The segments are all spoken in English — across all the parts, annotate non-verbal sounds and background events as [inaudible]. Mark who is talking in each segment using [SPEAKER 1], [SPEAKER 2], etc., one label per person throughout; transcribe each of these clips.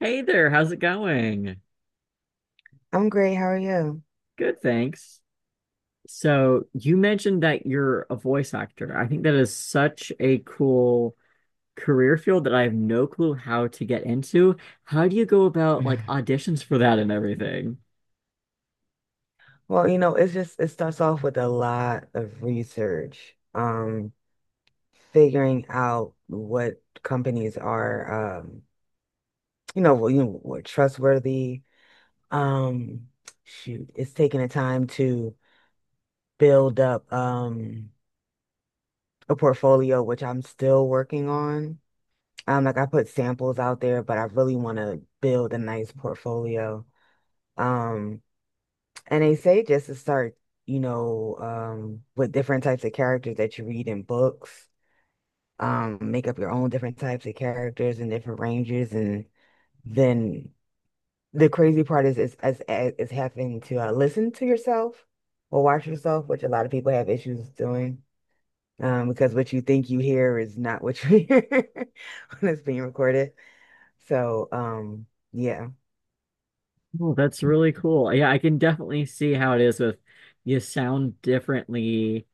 [SPEAKER 1] Hey there, how's it going?
[SPEAKER 2] I'm great. How are you?
[SPEAKER 1] Good, thanks. So, you mentioned that you're a voice actor. I think that is such a cool career field that I have no clue how to get into. How do you go about like
[SPEAKER 2] [laughs]
[SPEAKER 1] auditions for that and everything?
[SPEAKER 2] Well, you know, it's just it starts off with a lot of research, figuring out what companies are, you know, well, what trustworthy. Um, Shoot, it's taking the time to build up a portfolio, which I'm still working on. Like, I put samples out there, but I really want to build a nice portfolio. Um, And they say just to start, you know, with different types of characters that you read in books, make up your own different types of characters and different ranges. And then the crazy part is having to listen to yourself or watch yourself, which a lot of people have issues doing, because what you think you hear is not what you hear [laughs] when it's being recorded. So, yeah.
[SPEAKER 1] Oh, that's really cool. Yeah, I can definitely see how it is with you sound differently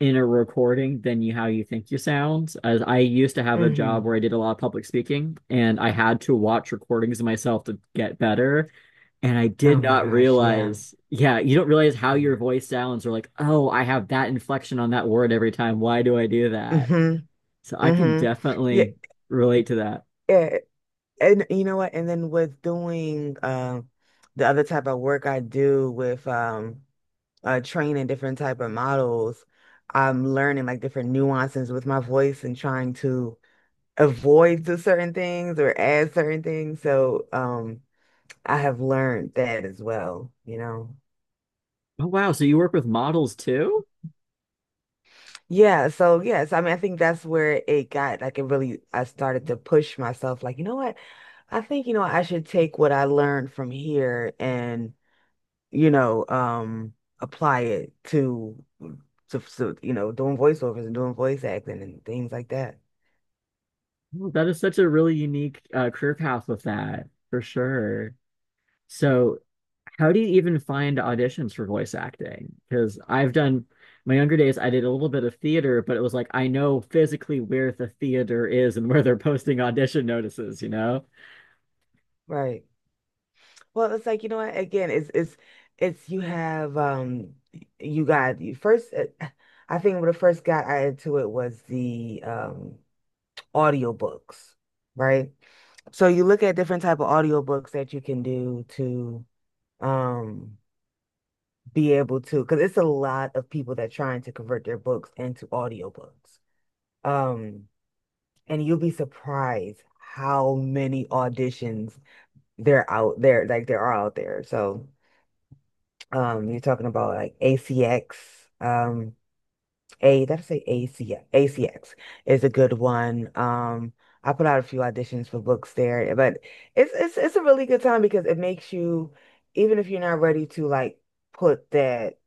[SPEAKER 1] in a recording than you how you think you sound. As I used to have a job
[SPEAKER 2] Hmm.
[SPEAKER 1] where I did a lot of public speaking and I had to watch recordings of myself to get better. And I
[SPEAKER 2] Oh
[SPEAKER 1] did
[SPEAKER 2] my
[SPEAKER 1] not
[SPEAKER 2] gosh. Yeah.
[SPEAKER 1] realize, yeah, you don't realize how your
[SPEAKER 2] Yeah.
[SPEAKER 1] voice sounds or like, oh, I have that inflection on that word every time. Why do I do that?
[SPEAKER 2] Hmm.
[SPEAKER 1] So I can
[SPEAKER 2] Hmm. Yeah.
[SPEAKER 1] definitely relate to that.
[SPEAKER 2] Yeah. And you know what? And then with doing the other type of work I do with training different type of models, I'm learning like different nuances with my voice and trying to avoid the certain things or add certain things. So I have learned that as well, you know.
[SPEAKER 1] Oh, wow. So you work with models too?
[SPEAKER 2] Yeah, so yes, I mean I think that's where it got like it really I started to push myself like, you know what? I think, you know, I should take what I learned from here and you know, um, apply it to, you know, doing voiceovers and doing voice acting and things like that.
[SPEAKER 1] Well, that is such a really unique career path with that, for sure. So how do you even find auditions for voice acting? Because I've done my younger days, I did a little bit of theater, but it was like I know physically where the theater is and where they're posting audition notices, you know?
[SPEAKER 2] Right. Well, it's like, you know what? Again, it's you have you got you first [sighs] I think when I first got added to it was the audiobooks, right? So you look at different type of audiobooks that you can do to um be able to because it's a lot of people that trying to convert their books into audiobooks. Um And you'll be surprised how many auditions there out there, like there are out there. So, you're talking about like ACX, um, A, did I say ACX? ACX is a good one. I put out a few auditions for books there, but it's a really good time because it makes you, even if you're not ready to like put that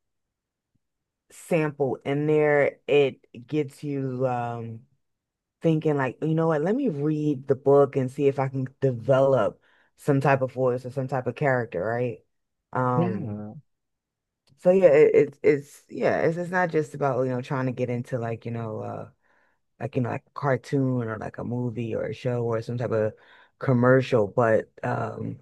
[SPEAKER 2] sample in there, it gets you thinking like, you know what, let me read the book and see if I can develop some type of voice or some type of character, right? Um,
[SPEAKER 1] Yeah.
[SPEAKER 2] so yeah, it's yeah, it's not just about, you know, trying to get into like, you know, like a cartoon or like a movie or a show or some type of commercial, but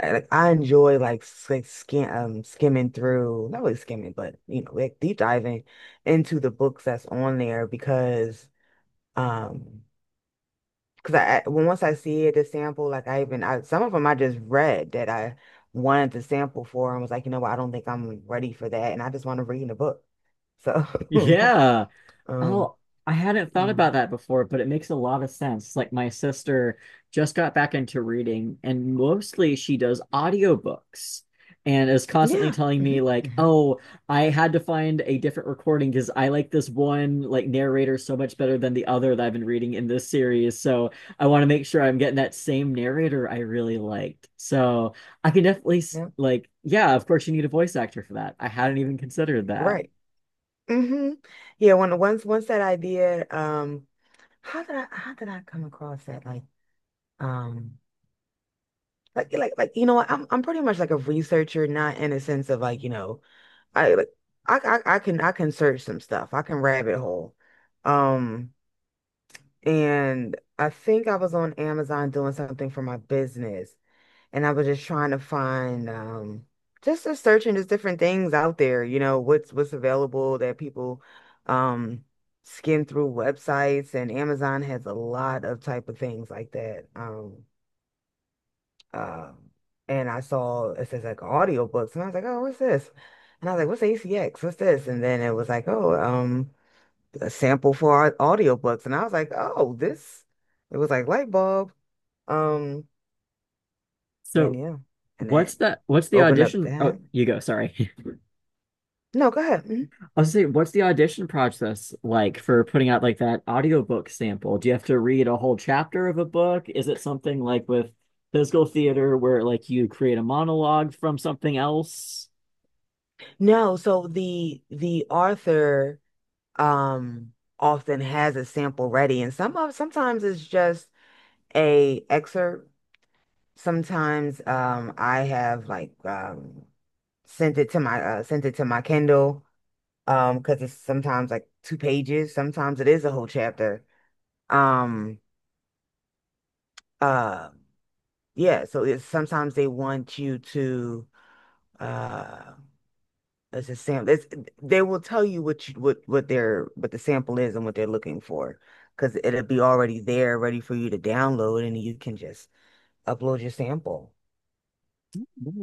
[SPEAKER 2] I, like I enjoy like skimming through, not really skimming, but you know, like deep diving into the books that's on there um Because I when once I see it, the sample, like some of them I just read that I wanted to sample for and was like, you know what, I don't think I'm ready for that, and I just want to read in a book. So, [laughs]
[SPEAKER 1] Yeah.
[SPEAKER 2] um,
[SPEAKER 1] Oh, I hadn't
[SPEAKER 2] you
[SPEAKER 1] thought
[SPEAKER 2] know,
[SPEAKER 1] about that before, but it makes a lot of sense. Like my sister just got back into reading and mostly she does audiobooks and is constantly
[SPEAKER 2] yeah,
[SPEAKER 1] telling
[SPEAKER 2] hmm
[SPEAKER 1] me like,
[SPEAKER 2] hmm
[SPEAKER 1] "Oh, I had to find a different recording because I like this one like narrator so much better than the other that I've been reading in this series. So, I want to make sure I'm getting that same narrator I really liked." So, I can definitely
[SPEAKER 2] yeah,
[SPEAKER 1] like, yeah, of course you need a voice actor for that. I hadn't even considered that.
[SPEAKER 2] right, hmm yeah. When once that idea, how did I come across that? Like, um, you know what, I'm pretty much like a researcher, not in a sense of like you know I like I, I can search some stuff. I can rabbit hole. Um, and I think I was on Amazon doing something for my business, and I was just trying to find just searching just different things out there, you know, what's available that people um skim through websites, and Amazon has a lot of type of things like that. Um, and I saw it says like audiobooks, and I was like, oh, what's this? And I was like, what's ACX? What's this? And then it was like, oh, a sample for our audiobooks. And I was like, oh, this. It was like light bulb. Um, and
[SPEAKER 1] So
[SPEAKER 2] yeah, and that
[SPEAKER 1] what's the
[SPEAKER 2] opened up
[SPEAKER 1] audition? Oh,
[SPEAKER 2] that.
[SPEAKER 1] you go. Sorry. [laughs]
[SPEAKER 2] No, go ahead. Mhm.
[SPEAKER 1] I was saying, what's the audition process like for putting out like that audiobook sample? Do you have to read a whole chapter of a book? Is it something like with physical theater where like you create a monologue from something else?
[SPEAKER 2] No, so the author um often has a sample ready, and sometimes it's just a excerpt. Sometimes I have like sent it to my sent it to my Kindle because it's sometimes like two pages, sometimes it is a whole chapter um uh yeah, so it's sometimes they want you to uh it's a sample it's, they will tell you what the sample is and what they're looking for, because it'll be already there ready for you to download and you can just upload your sample.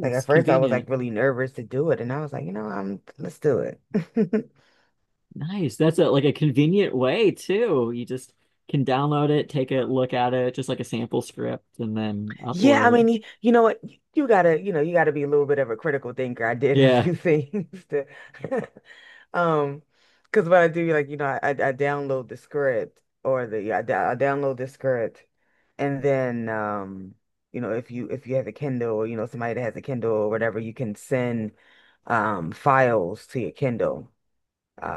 [SPEAKER 2] Like at first I was
[SPEAKER 1] convenient.
[SPEAKER 2] like really nervous to do it, and I was like, you know, I'm let's do it. [laughs]
[SPEAKER 1] Nice. That's a like a convenient way too. You just can download it, take a look at it, just like a sample script, and then
[SPEAKER 2] Yeah, I
[SPEAKER 1] upload.
[SPEAKER 2] mean, you know what? You gotta be a little bit of a critical thinker. I did a
[SPEAKER 1] Yeah.
[SPEAKER 2] few [laughs] things to, [laughs] um, because what I do, like, you know, I download the script or the yeah, I, d- I download the script, and then, you know, if you have a Kindle or you know somebody that has a Kindle or whatever, you can send, files to your Kindle.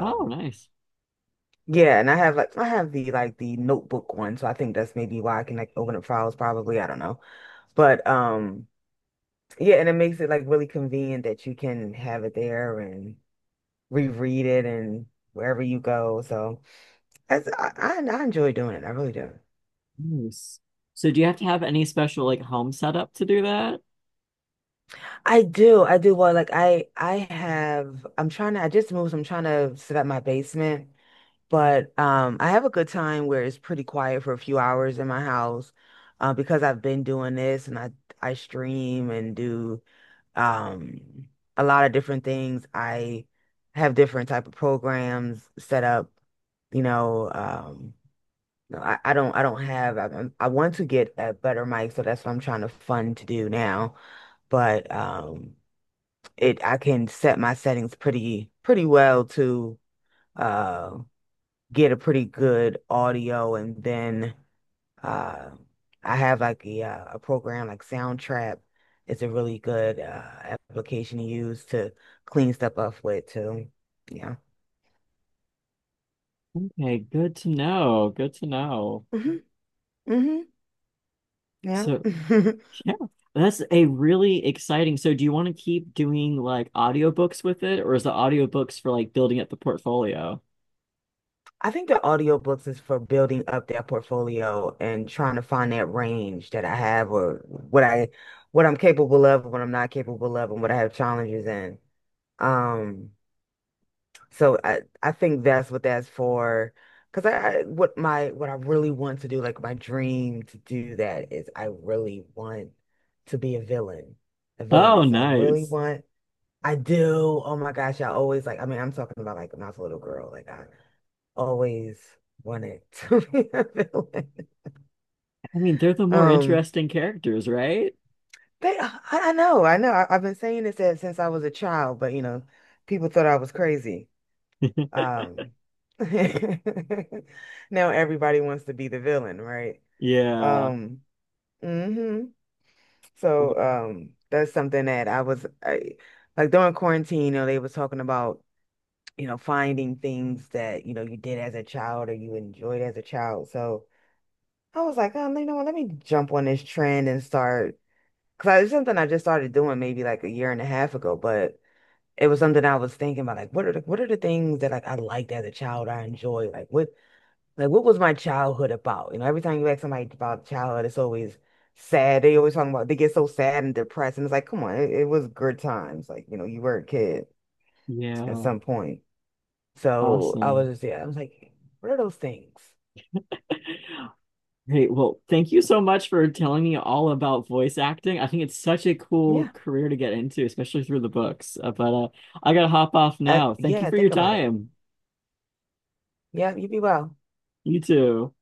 [SPEAKER 1] Oh, nice.
[SPEAKER 2] yeah, and I have the notebook one, so I think that's maybe why I can like open up files probably. I don't know, but. Yeah, and it makes it like really convenient that you can have it there and reread it, and wherever you go. So that's, I enjoy doing it. I really do.
[SPEAKER 1] Nice. So do you have to have any special like home setup to do that?
[SPEAKER 2] I do. I do. Well, like I just moved. So I'm trying to set up my basement, but I have a good time where it's pretty quiet for a few hours in my house, because I've been doing this and I stream and do um a lot of different things. I have different type of programs set up, you know, no, I don't have. I want to get a better mic, so that's what I'm trying to fund to do now. But it I can set my settings pretty well to uh get a pretty good audio, and then uh, I have like a program like Soundtrap. It's a really good application to use to clean stuff up with too. Yeah.
[SPEAKER 1] Okay, good to know. Good to know.
[SPEAKER 2] Hmm. Hmm. Yeah.
[SPEAKER 1] So
[SPEAKER 2] [laughs]
[SPEAKER 1] yeah, that's a really exciting. So do you want to keep doing like audiobooks with it, or is the audiobooks for like building up the portfolio?
[SPEAKER 2] I think the audiobooks is for building up that portfolio and trying to find that range that I have, or what I'm capable of, what I'm not capable of, and what I have challenges in. Um, So I think that's what that's for. Because I what I really want to do, like my dream to do that is I really want to be a villain, a
[SPEAKER 1] Oh,
[SPEAKER 2] villainess. I really
[SPEAKER 1] nice.
[SPEAKER 2] want. I do. Oh my gosh, I always like. I mean, I'm talking about like when I was a little girl. Like I always wanted [laughs] to be a villain.
[SPEAKER 1] I mean, they're the more
[SPEAKER 2] Um,
[SPEAKER 1] interesting characters, right?
[SPEAKER 2] they. I know. I know. I've been saying this since I was a child, but you know, people thought I was crazy.
[SPEAKER 1] [laughs]
[SPEAKER 2] Um, [laughs] Now everybody wants to be the villain, right?
[SPEAKER 1] Yeah.
[SPEAKER 2] Um, hmm So,
[SPEAKER 1] Well,
[SPEAKER 2] that's something that I was like during quarantine, you know, they was talking about, finding things that, you did as a child or you enjoyed as a child. So I was like, you know what, let me jump on this trend and start, because it's something I just started doing maybe like a year and a half ago, but it was something I was thinking about, like what are the things that like I liked as a child. I enjoyed. Like, what was my childhood about? You know, every time you ask somebody about childhood, it's always sad. They always talking about they get so sad and depressed, and it's like, come on, it was good times. Like, you know, you were a kid at
[SPEAKER 1] yeah.
[SPEAKER 2] some point. So I was
[SPEAKER 1] Awesome.
[SPEAKER 2] just, yeah, I was like, what are those things?
[SPEAKER 1] Hey, well, thank you so much for telling me all about voice acting. I think it's such a cool
[SPEAKER 2] Yeah,
[SPEAKER 1] career to get into, especially through the books. But I gotta hop off now. Thank you
[SPEAKER 2] yeah,
[SPEAKER 1] for your
[SPEAKER 2] think about it.
[SPEAKER 1] time.
[SPEAKER 2] Yeah, you be well.
[SPEAKER 1] You too.